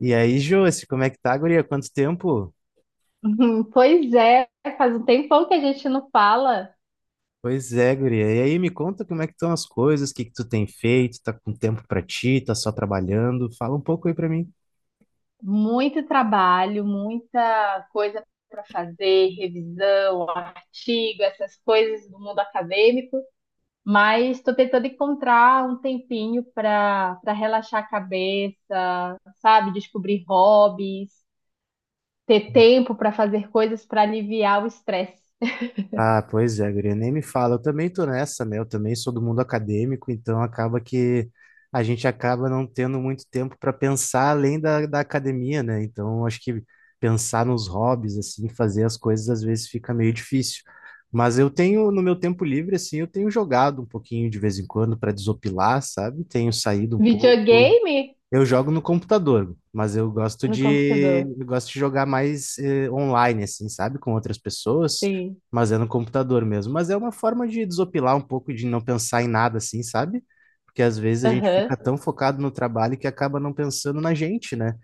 E aí, Josi, como é que tá, guria? Quanto tempo? Uhum, pois é, faz um tempão que a gente não fala. Pois é, guria. E aí, me conta como é que estão as coisas, o que que tu tem feito, tá com tempo pra ti, tá só trabalhando? Fala um pouco aí pra mim. Muito trabalho, muita coisa para fazer, revisão, artigo, essas coisas do mundo acadêmico, mas estou tentando encontrar um tempinho para relaxar a cabeça, sabe? Descobrir hobbies, ter tempo para fazer coisas para aliviar o estresse. Ah, pois é, guria, nem me fala. Eu também tô nessa, né? Eu também sou do mundo acadêmico, então acaba que a gente acaba não tendo muito tempo para pensar além da academia, né? Então, acho que pensar nos hobbies, assim, fazer as coisas às vezes fica meio difícil. Mas eu tenho, no meu tempo livre, assim, eu tenho jogado um pouquinho de vez em quando para desopilar, sabe? Tenho saído um pouco. Videogame Eu jogo no computador, mas eu gosto no de computador, eu gosto de jogar mais online, assim, sabe? Com outras pessoas, sim. mas é no computador mesmo. Mas é uma forma de desopilar um pouco, de não pensar em nada, assim, sabe? Porque às vezes a gente Aham, fica tão focado no trabalho que acaba não pensando na gente, né?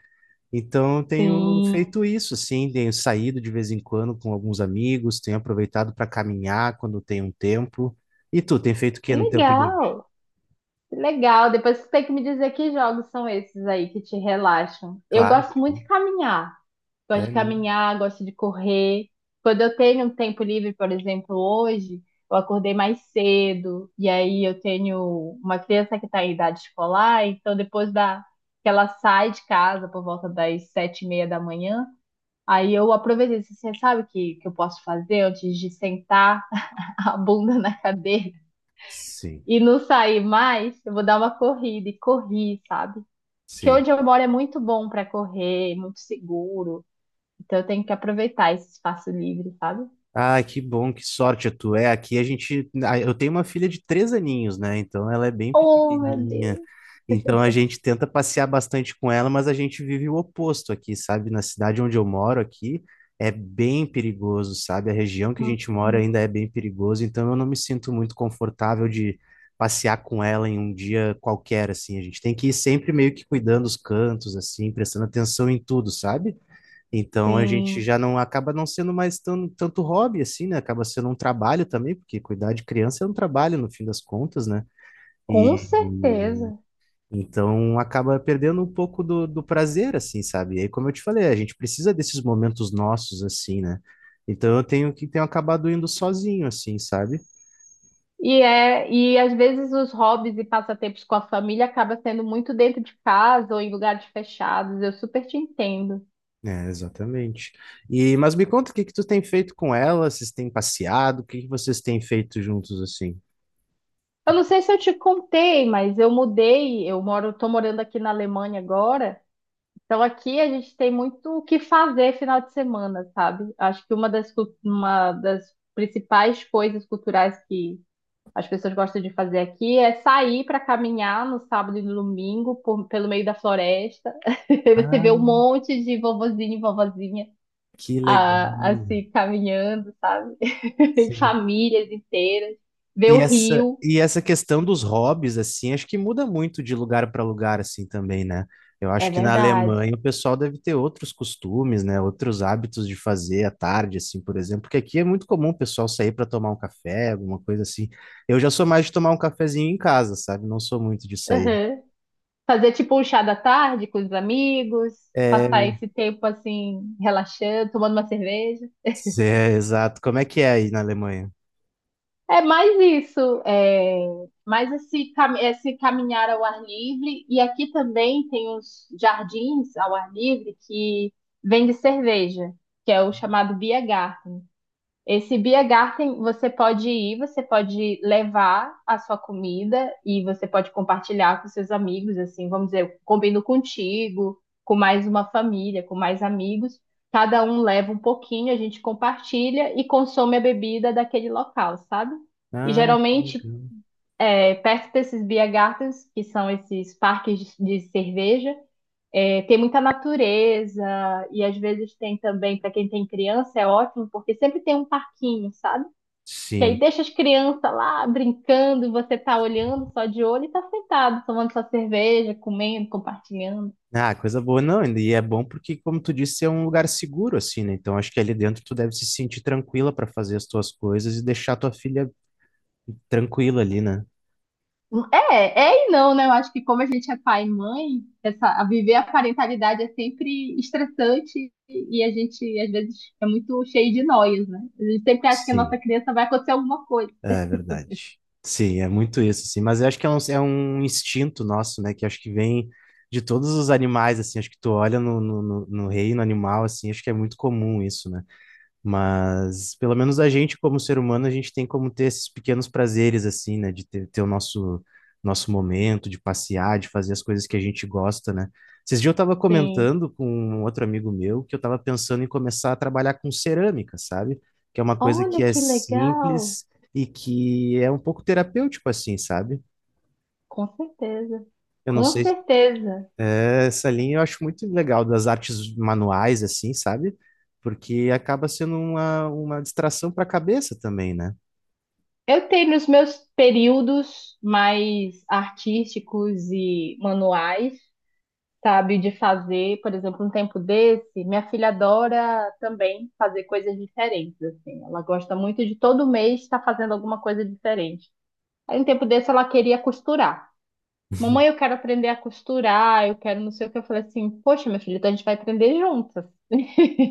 Então eu tenho sim. feito isso, assim, tenho saído de vez em quando com alguns amigos, tenho aproveitado para caminhar quando tem um tempo. E tu, tem feito o Que que no tempo livre? legal! Legal, depois você tem que me dizer que jogos são esses aí que te relaxam. Eu Claro, gosto muito de caminhar. Gosto é de mesmo. caminhar, gosto de correr. Quando eu tenho um tempo livre, por exemplo, hoje, eu acordei mais cedo, e aí eu tenho uma criança que está em idade escolar, então depois da que ela sai de casa por volta das sete e meia da manhã, aí eu aproveitei, assim, sabe o que, que eu posso fazer antes de sentar a bunda na cadeira Sim, e não sair mais? Eu vou dar uma corrida e corri, sabe? Porque sim. onde eu moro é muito bom para correr, muito seguro. Então eu tenho que aproveitar esse espaço livre, sabe? Ai, que bom, que sorte tu é. Aqui a gente. Eu tenho uma filha de três aninhos, né? Então ela é bem Oh, meu pequenininha. Deus! Então a gente tenta passear bastante com ela, mas a gente vive o oposto aqui, sabe? Na cidade onde eu moro aqui é bem perigoso, sabe? A região que a gente mora Uhum. ainda é bem perigoso, então eu não me sinto muito confortável de passear com ela em um dia qualquer, assim. A gente tem que ir sempre meio que cuidando os cantos, assim, prestando atenção em tudo, sabe? Então a gente Sim, já não acaba não sendo mais tão, tanto hobby assim, né? Acaba sendo um trabalho também, porque cuidar de criança é um trabalho no fim das contas, né? com E certeza. então acaba perdendo um pouco do prazer, assim, sabe? E aí, como eu te falei, a gente precisa desses momentos nossos, assim, né? Então eu tenho acabado indo sozinho, assim, sabe? E é, e às vezes os hobbies e passatempos com a família acaba sendo muito dentro de casa ou em lugares fechados. Eu super te entendo. É, exatamente. E mas me conta o que que tu tem feito com ela? Vocês têm passeado? O que que vocês têm feito juntos assim? O que Eu que não sei você- se eu te contei, mas eu mudei, eu moro, tô morando aqui na Alemanha agora. Então aqui a gente tem muito o que fazer final de semana, sabe? Acho que uma das, uma das principais coisas culturais que as pessoas gostam de fazer aqui é sair para caminhar no sábado e no domingo pelo meio da floresta. Você Ah, vê um monte de vovozinho e vovozinha que legal. ah, assim caminhando, sabe? Sim. Famílias inteiras. Ver o rio. E essa questão dos hobbies, assim, acho que muda muito de lugar para lugar, assim, também, né? Eu acho É que na verdade. Alemanha o pessoal deve ter outros costumes, né? Outros hábitos de fazer à tarde, assim, por exemplo, porque aqui é muito comum o pessoal sair para tomar um café, alguma coisa assim. Eu já sou mais de tomar um cafezinho em casa, sabe? Não sou muito de sair. Fazer tipo um chá da tarde com os amigos, passar É, esse tempo assim, relaxando, tomando uma cerveja. Exato. Como é que é aí na Alemanha? É mais isso, é mais esse, esse caminhar ao ar livre. E aqui também tem uns jardins ao ar livre que vende cerveja, que é o chamado BH. Esse Biergarten, você pode ir, você pode levar a sua comida e você pode compartilhar com seus amigos, assim, vamos dizer, eu combino contigo, com mais uma família, com mais amigos. Cada um leva um pouquinho, a gente compartilha e consome a bebida daquele local, sabe? E Ah, que geralmente, legal. é, perto desses Biergartens, que são esses parques de cerveja, é, tem muita natureza e às vezes tem também, para quem tem criança, é ótimo, porque sempre tem um parquinho, sabe? Que aí Sim. deixa as crianças lá brincando e você tá olhando só de olho e tá sentado, tomando sua cerveja, comendo, compartilhando. Ah, coisa boa, não, e é bom porque, como tu disse, é um lugar seguro, assim, né? Então, acho que ali dentro tu deve se sentir tranquila para fazer as tuas coisas e deixar tua filha tranquila ali, né? É, é e não, né? Eu acho que como a gente é pai e mãe, essa, a viver a parentalidade é sempre estressante e a gente, às vezes, é muito cheio de noias, né? A gente sempre acha que a nossa Sim, criança vai acontecer alguma coisa. é verdade. Sim, é muito isso, assim, mas eu acho que é um instinto nosso, né? Que acho que vem de todos os animais, assim, acho que tu olha no reino animal, assim, acho que é muito comum isso, né? Mas pelo menos a gente, como ser humano, a gente tem como ter esses pequenos prazeres, assim, né? De ter, ter o nosso, nosso momento, de passear, de fazer as coisas que a gente gosta, né? Esses dias eu estava Sim. comentando com um outro amigo meu que eu estava pensando em começar a trabalhar com cerâmica, sabe? Que é uma coisa que Olha é que legal! simples e que é um pouco terapêutico, assim, sabe? Com certeza. Eu não Com sei, certeza. essa linha eu acho muito legal das artes manuais, assim, sabe? Porque acaba sendo uma distração para a cabeça também, né? Eu tenho os meus períodos mais artísticos e manuais, sabe, de fazer, por exemplo, um tempo desse, minha filha adora também fazer coisas diferentes, assim. Ela gosta muito de todo mês estar fazendo alguma coisa diferente. Aí um tempo desse ela queria costurar. Mamãe, eu quero aprender a costurar, eu quero não sei o que. Eu falei assim, poxa, minha filha, então a gente vai aprender juntas.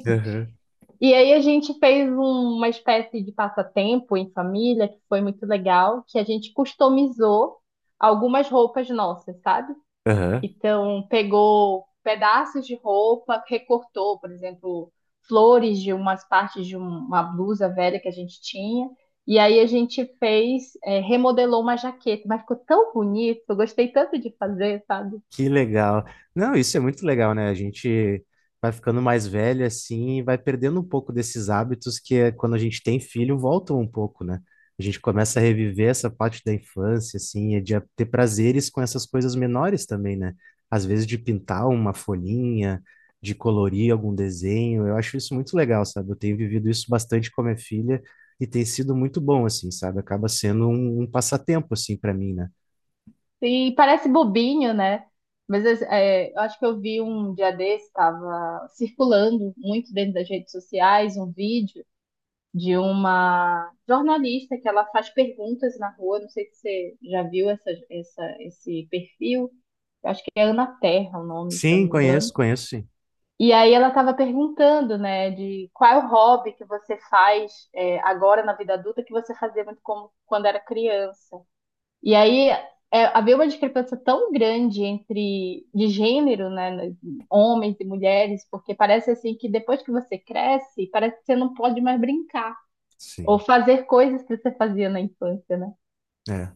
Aham, E aí a gente fez uma espécie de passatempo em família, que foi muito legal, que a gente customizou algumas roupas nossas, sabe? aham. Então, pegou pedaços de roupa, recortou, por exemplo, flores de umas partes de uma blusa velha que a gente tinha. E aí a gente fez, remodelou uma jaqueta, mas ficou tão bonito, eu gostei tanto de fazer, sabe? Que legal. Não, isso é muito legal, né? A gente vai ficando mais velho assim e vai perdendo um pouco desses hábitos que é, quando a gente tem filho voltam um pouco, né? A gente começa a reviver essa parte da infância, assim, e de ter prazeres com essas coisas menores também, né? Às vezes de pintar uma folhinha, de colorir algum desenho. Eu acho isso muito legal, sabe? Eu tenho vivido isso bastante com a minha filha e tem sido muito bom, assim, sabe? Acaba sendo um, um passatempo, assim, para mim, né? E parece bobinho, né? Mas é, é, eu acho que eu vi um dia desse, estava circulando muito dentro das redes sociais, um vídeo de uma jornalista que ela faz perguntas na rua. Não sei se você já viu essa, essa, esse perfil. Eu acho que é Ana Terra o nome, se eu Sim, não me conheço, engano. conheço, sim. E aí ela estava perguntando, né, de qual é o hobby que você faz agora na vida adulta que você fazia muito como quando era criança. E aí é, havia uma discrepância tão grande entre de gênero, né, homens e mulheres, porque parece assim que depois que você cresce, parece que você não pode mais brincar ou Sim, fazer coisas que você fazia na infância, né? é.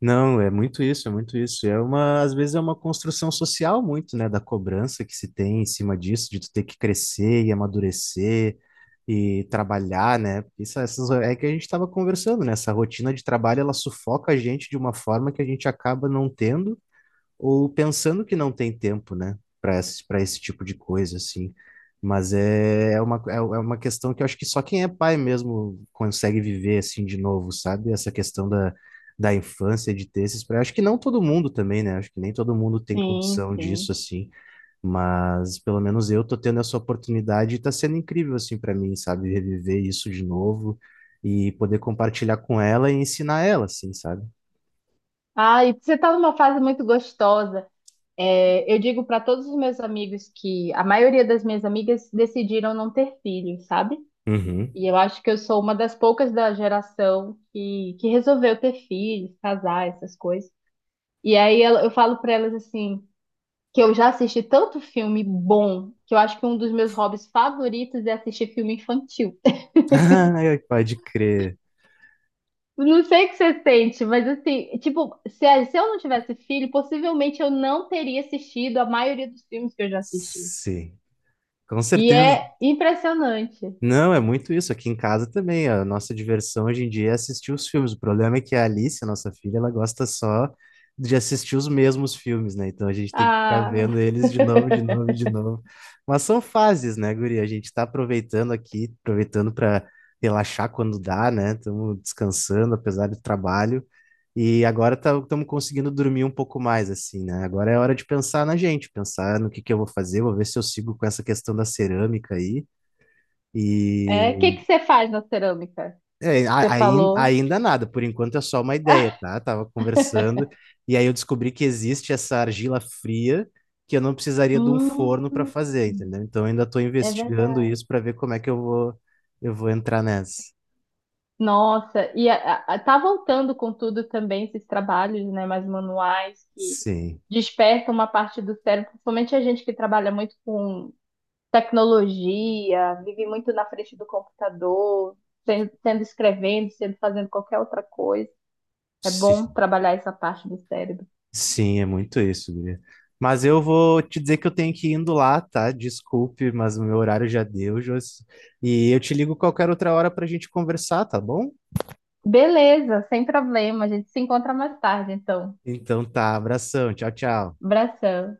Não, é muito isso, é muito isso. É uma, às vezes é uma construção social muito, né, da cobrança que se tem em cima disso, de tu ter que crescer e amadurecer e trabalhar, né? Isso, essas, é que a gente estava conversando, né? Essa rotina de trabalho, ela sufoca a gente de uma forma que a gente acaba não tendo ou pensando que não tem tempo, né, para esse tipo de coisa, assim. Mas é, é uma, é uma questão que eu acho que só quem é pai mesmo consegue viver, assim, de novo, sabe? Essa questão da infância, de ter esses... Acho que não todo mundo também, né? Acho que nem todo mundo tem Sim, condição disso, sim. assim. Mas pelo menos eu tô tendo essa oportunidade e tá sendo incrível, assim, para mim, sabe? Reviver isso de novo e poder compartilhar com ela e ensinar ela, assim, sabe? Ah, e você está numa fase muito gostosa. É, eu digo para todos os meus amigos que a maioria das minhas amigas decidiram não ter filhos, sabe? Uhum. E eu acho que eu sou uma das poucas da geração que resolveu ter filhos, casar, essas coisas. E aí eu falo pra elas assim, que eu já assisti tanto filme bom, que eu acho que um dos meus hobbies favoritos é assistir filme infantil. Ai, pode crer. Não sei o que você sente, mas assim, tipo, se, se eu não tivesse filho, possivelmente eu não teria assistido a maioria dos filmes que eu já assisti. Sim, com E certeza. é impressionante. Não, é muito isso. Aqui em casa também, a nossa diversão hoje em dia é assistir os filmes. O problema é que a Alice, a nossa filha, ela gosta só de assistir os mesmos filmes, né? Então a gente tem que ficar Ah, vendo eles de novo, de novo, de novo. Mas são fases, né, guria? A gente está aproveitando aqui, aproveitando para relaxar quando dá, né? Estamos descansando, apesar do trabalho. E agora estamos conseguindo dormir um pouco mais, assim, né? Agora é hora de pensar na gente, pensar no que eu vou fazer, vou ver se eu sigo com essa questão da cerâmica aí. E é, o que que você faz na cerâmica? é, Você falou. ainda nada, por enquanto é só uma ideia, tá? Tava conversando e aí eu descobri que existe essa argila fria que eu não precisaria de um forno para Hum, fazer, entendeu? Então eu ainda estou é verdade. investigando isso para ver como é que eu vou entrar nessa. Nossa, e tá voltando com tudo também esses trabalhos, né, mais manuais que Sim, despertam uma parte do cérebro, principalmente a gente que trabalha muito com tecnologia, vive muito na frente do computador, sendo, sendo escrevendo, sendo fazendo qualquer outra coisa. É bom sim, trabalhar essa parte do cérebro. sim, é muito isso, guria. Mas eu vou te dizer que eu tenho que ir indo lá, tá? Desculpe, mas o meu horário já deu, Josi. E eu te ligo qualquer outra hora para a gente conversar, tá bom? Beleza, sem problema. A gente se encontra mais tarde, então. Então tá, abração, tchau, tchau. Abração.